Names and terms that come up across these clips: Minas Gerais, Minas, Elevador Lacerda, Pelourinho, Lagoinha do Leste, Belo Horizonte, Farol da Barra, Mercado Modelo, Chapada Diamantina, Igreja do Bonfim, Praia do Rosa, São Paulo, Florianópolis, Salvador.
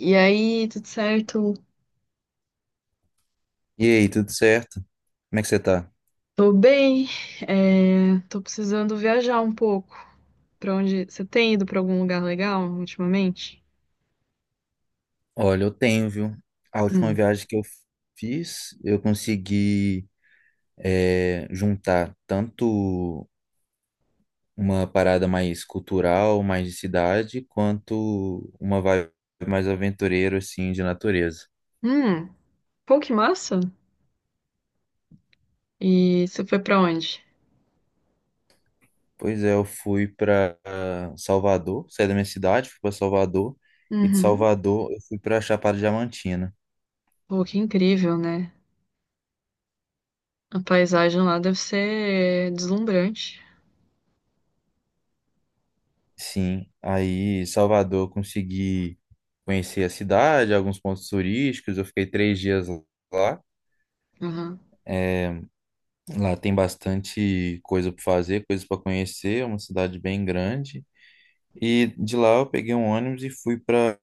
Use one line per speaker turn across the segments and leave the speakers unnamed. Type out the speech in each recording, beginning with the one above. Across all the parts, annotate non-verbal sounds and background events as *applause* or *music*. E aí, tudo certo?
E aí, tudo certo? Como é que você tá?
Tô bem. É, tô precisando viajar um pouco. Pra onde? Você tem ido pra algum lugar legal ultimamente?
Olha, eu tenho, viu? A última
Hum.
viagem que eu fiz, eu consegui juntar tanto uma parada mais cultural, mais de cidade, quanto uma vibe mais aventureira, assim, de natureza.
Hum. Pô, que massa! E você foi pra onde?
Pois é, eu fui para Salvador, saí da minha cidade, fui para Salvador, e de
Uhum.
Salvador eu fui para Chapada Diamantina.
Pô, que incrível, né? A paisagem lá deve ser deslumbrante.
Sim, aí em Salvador eu consegui conhecer a cidade, alguns pontos turísticos. Eu fiquei 3 dias lá.
Uhum.
É, lá tem bastante coisa para fazer, coisas para conhecer. É uma cidade bem grande. E de lá eu peguei um ônibus e fui para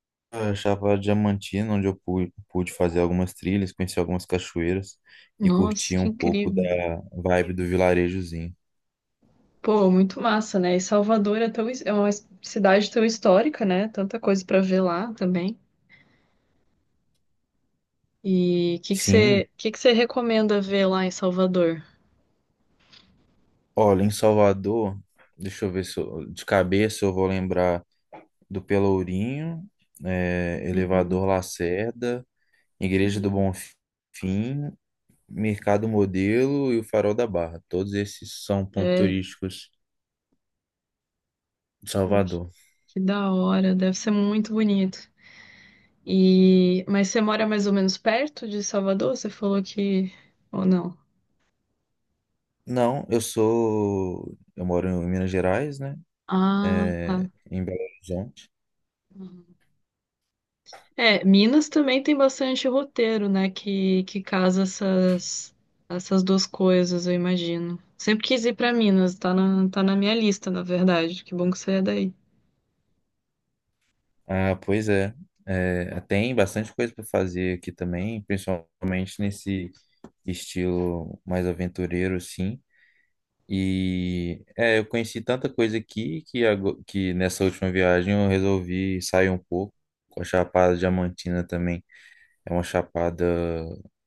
Chapada Diamantina, onde eu pude fazer algumas trilhas, conhecer algumas cachoeiras e
Nossa,
curtir
que
um pouco da
incrível.
vibe do vilarejozinho.
Pô, muito massa, né? E Salvador é tão, é uma cidade tão histórica, né? Tanta coisa pra ver lá também. E o
Sim,
que que você recomenda ver lá em Salvador?
olha, em Salvador, deixa eu ver se eu- de cabeça eu vou lembrar do Pelourinho, é,
Uhum.
Elevador Lacerda, Igreja do
Hum.
Bonfim, Mercado Modelo e o Farol da Barra. Todos esses são pontos
É,
turísticos de
pô,
Salvador.
que da hora, deve ser muito bonito. E, mas você mora mais ou menos perto de Salvador? Você falou que, ou não?
Não, eu sou. Eu moro em Minas Gerais, né?
Ah, tá.
É, em Belo Horizonte.
Uhum. É, Minas também tem bastante roteiro, né, que casa essas duas coisas, eu imagino. Sempre quis ir pra Minas, tá na minha lista, na verdade. Que bom que você é daí.
Ah, pois é. É, tem bastante coisa para fazer aqui também, principalmente nesse estilo mais aventureiro, assim. E eu conheci tanta coisa aqui que, que nessa última viagem eu resolvi sair um pouco. A Chapada Diamantina também é uma chapada,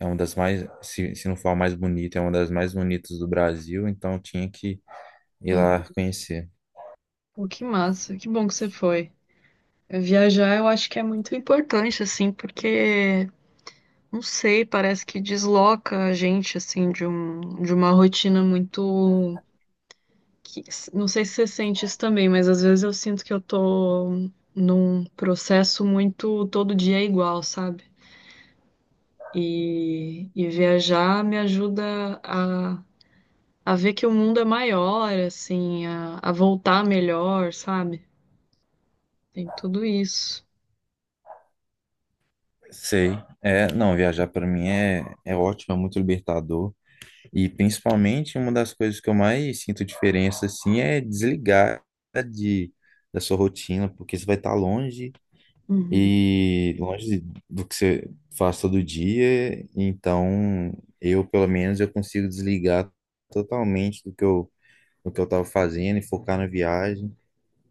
é uma das mais, se não for a mais bonita, é uma das mais bonitas do Brasil, então eu tinha que ir
Uhum.
lá conhecer.
Pô, que massa, que bom que você foi. Viajar eu acho que é muito importante, assim, porque, não sei, parece que desloca a gente, assim, de uma rotina muito. que- não sei se você sente isso também, mas às vezes eu sinto que eu tô num processo muito todo dia é igual, sabe? E viajar me ajuda a ver que o mundo é maior, assim, a voltar melhor, sabe? Tem tudo isso.
Sei, é, não, viajar para mim é, é ótimo, é muito libertador. E principalmente uma das coisas que eu mais sinto diferença assim é desligar de, da sua rotina, porque você vai estar longe.
Uhum.
E longe do que você faz todo dia, então eu, pelo menos, eu consigo desligar totalmente do que eu estava fazendo e focar na viagem,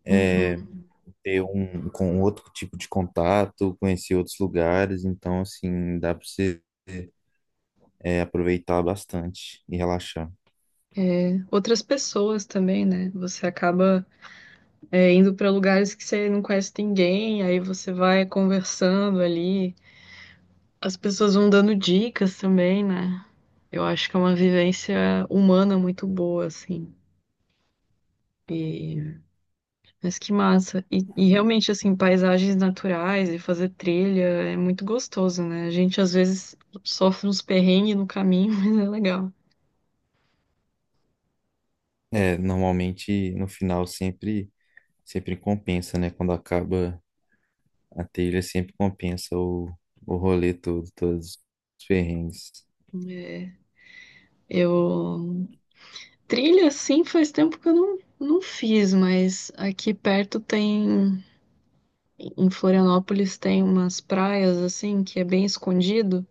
Uhum.
ter um com outro tipo de contato, conhecer outros lugares, então assim, dá para você aproveitar bastante e relaxar.
É, outras pessoas também, né? Você acaba é, indo para lugares que você não conhece ninguém, aí você vai conversando ali, as pessoas vão dando dicas também, né? Eu acho que é uma vivência humana muito boa, assim. E, mas que massa. E realmente, assim, paisagens naturais e fazer trilha é muito gostoso, né? A gente às vezes sofre uns perrengues no caminho, *laughs* mas é legal.
É, normalmente no final sempre compensa, né? Quando acaba a trilha sempre compensa o rolê todo, todos os perrengues.
É, eu sim, faz tempo que eu não fiz, mas aqui perto tem, em Florianópolis, tem umas praias, assim, que é bem escondido,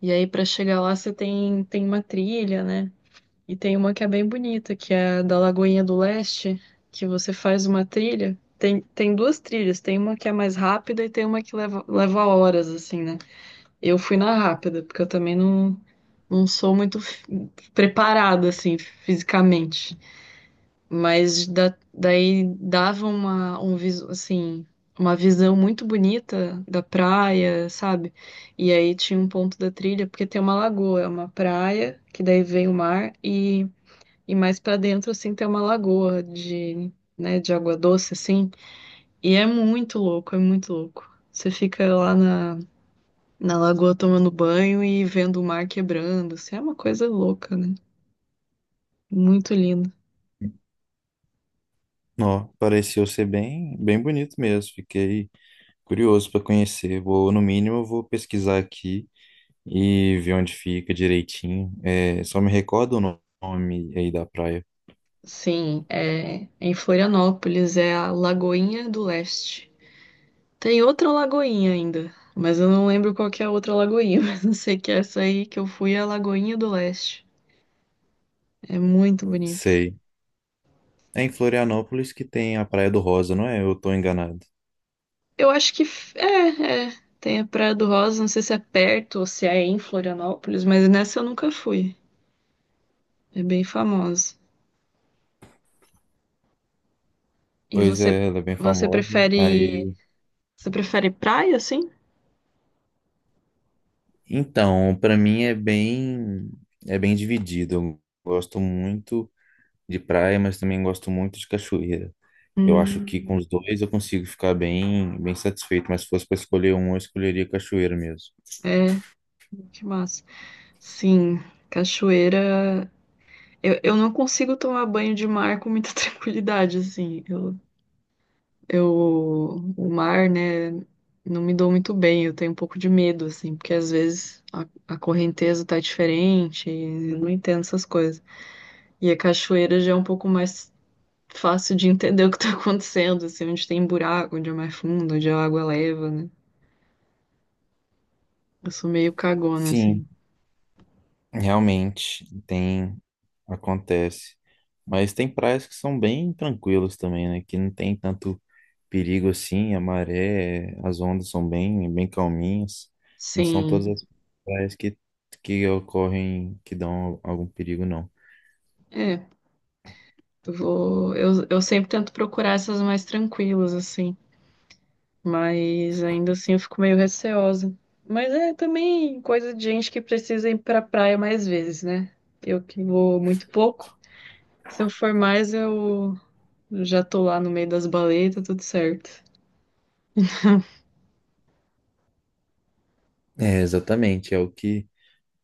e aí pra chegar lá você tem uma trilha, né? E tem uma que é bem bonita, que é a da Lagoinha do Leste, que você faz uma trilha. Tem duas trilhas, tem uma que é mais rápida e tem uma que leva, leva horas, assim, né? Eu fui na rápida, porque eu também não sou muito preparada, assim, fisicamente. Mas daí dava assim, uma visão muito bonita da praia, sabe? E aí tinha um ponto da trilha, porque tem uma lagoa, é uma praia, que daí vem o mar, e mais pra dentro, assim, tem uma lagoa de, né, de água doce, assim. E é muito louco, é muito louco. Você fica na lagoa tomando banho e vendo o mar quebrando, assim, é uma coisa louca, né? Muito lindo.
Ó, pareceu ser bem, bem bonito mesmo. Fiquei curioso para conhecer. Vou, no mínimo, eu vou pesquisar aqui e ver onde fica direitinho. É, só me recorda o nome aí da praia.
Sim, é em Florianópolis, é a Lagoinha do Leste. Tem outra lagoinha ainda, mas eu não lembro qual que é a outra lagoinha, *laughs* mas eu sei que é essa aí que eu fui é a Lagoinha do Leste. É muito bonito.
Sei. É em Florianópolis que tem a Praia do Rosa, não é? Eu tô enganado.
Eu acho que tem a Praia do Rosa, não sei se é perto ou se é em Florianópolis, mas nessa eu nunca fui. É bem famosa. E
Pois
você
é, ela é bem
você
famosa.
prefere
Aí,
você prefere praia assim?
então, para mim é bem dividido. Eu gosto muito de praia, mas também gosto muito de cachoeira. Eu acho que com
Hum,
os dois eu consigo ficar bem, bem satisfeito, mas se fosse para escolher um, eu escolheria cachoeira mesmo.
é, que massa. Sim. Cachoeira. Eu não consigo tomar banho de mar com muita *laughs* tranquilidade, assim. Eu, o mar, né, não me dou muito bem. Eu tenho um pouco de medo, assim, porque às vezes a correnteza tá diferente, e eu não entendo essas coisas. E a cachoeira já é um pouco mais fácil de entender *laughs* o que tá acontecendo, assim, onde tem buraco, onde é mais fundo, onde a água leva, né? Eu sou meio cagona, assim.
Sim, realmente tem, acontece. Mas tem praias que são bem tranquilas também, né? Que não tem tanto perigo assim, a maré, as ondas são bem, bem calminhas. Não são todas
Sim,
as praias que ocorrem, que dão algum perigo, não.
é. Eu sempre tento procurar essas mais tranquilas, assim. Mas ainda assim eu fico meio receosa. Mas é também coisa de gente que precisa ir pra praia mais vezes, né? Eu que vou muito pouco. Se eu for mais, eu já tô lá no meio das baletas, tudo certo.
É, exatamente, é o que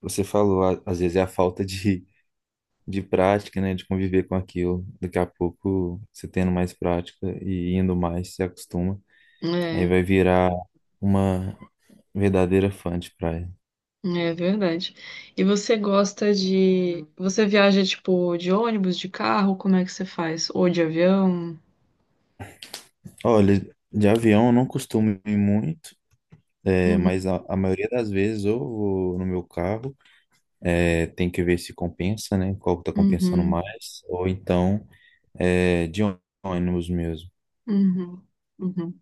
você falou, às vezes é a falta de prática, né, de conviver com aquilo. Daqui a pouco, você tendo mais prática e indo mais, se acostuma. Aí
É,
vai virar uma verdadeira fã de praia.
é verdade. E você gosta de. Você viaja, tipo, de ônibus, de carro? Como é que você faz? Ou de avião?
Olha, de avião eu não costumo ir muito, é,
Uhum,
mas a maioria das vezes eu vou no meu carro, é, tem que ver se compensa, né, qual que tá compensando
uhum,
mais, ou então é, de ônibus mesmo.
uhum, uhum.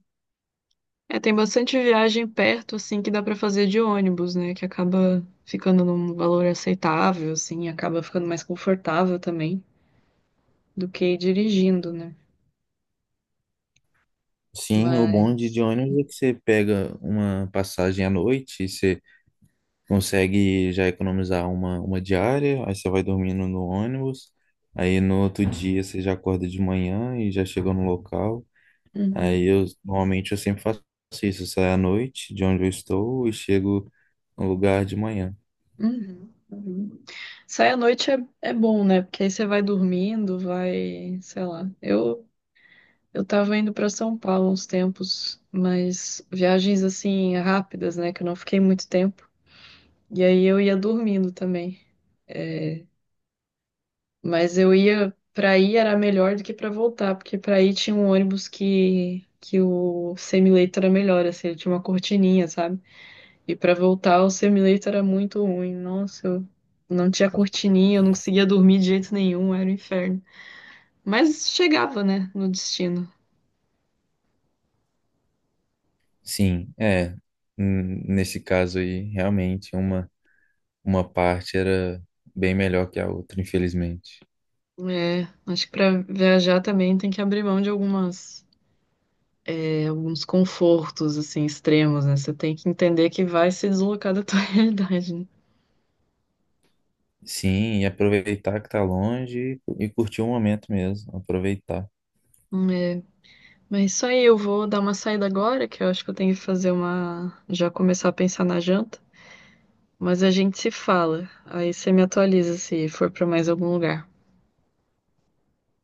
É, tem bastante viagem perto, assim, que dá pra fazer de ônibus, né? Que acaba ficando num valor aceitável, assim, acaba ficando mais confortável também do que ir dirigindo, né?
Sim, o bonde de
Mas.
ônibus é que você pega uma passagem à noite e você consegue já economizar uma diária, aí você vai dormindo no ônibus, aí no outro dia você já acorda de manhã e já chega no local. Aí
Uhum,
eu normalmente eu sempre faço isso, eu saio à noite de onde eu estou e chego no lugar de manhã.
uhum, uhum. Sair à noite é bom, né? Porque aí você vai dormindo, vai, sei lá. Eu tava indo pra São Paulo uns tempos, mas viagens assim rápidas, né? Que eu não fiquei muito tempo. E aí eu ia dormindo também. É, mas eu ia pra ir era melhor do que pra voltar, porque pra ir tinha um ônibus que o semileito era melhor, assim, ele tinha uma cortininha, sabe? E pra voltar o semileito era muito ruim. Nossa, eu não tinha cortininha, eu não conseguia dormir de jeito nenhum, era um inferno. Mas chegava, né, no destino.
Sim, é. Nesse caso aí, realmente uma parte era bem melhor que a outra, infelizmente.
É, acho que pra viajar também tem que abrir mão de algumas é, alguns confortos assim extremos, né? Você tem que entender que vai se deslocar da tua *laughs* realidade, né?
Sim, e aproveitar que tá longe e curtir o momento mesmo, aproveitar.
É. Mas isso aí, eu vou dar uma saída agora, que eu acho que eu tenho que fazer uma. Já começar a pensar na janta. Mas a gente se fala. Aí você me atualiza se for pra mais algum lugar.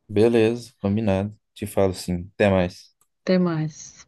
Beleza, combinado. Te falo sim. Até mais.
Até mais.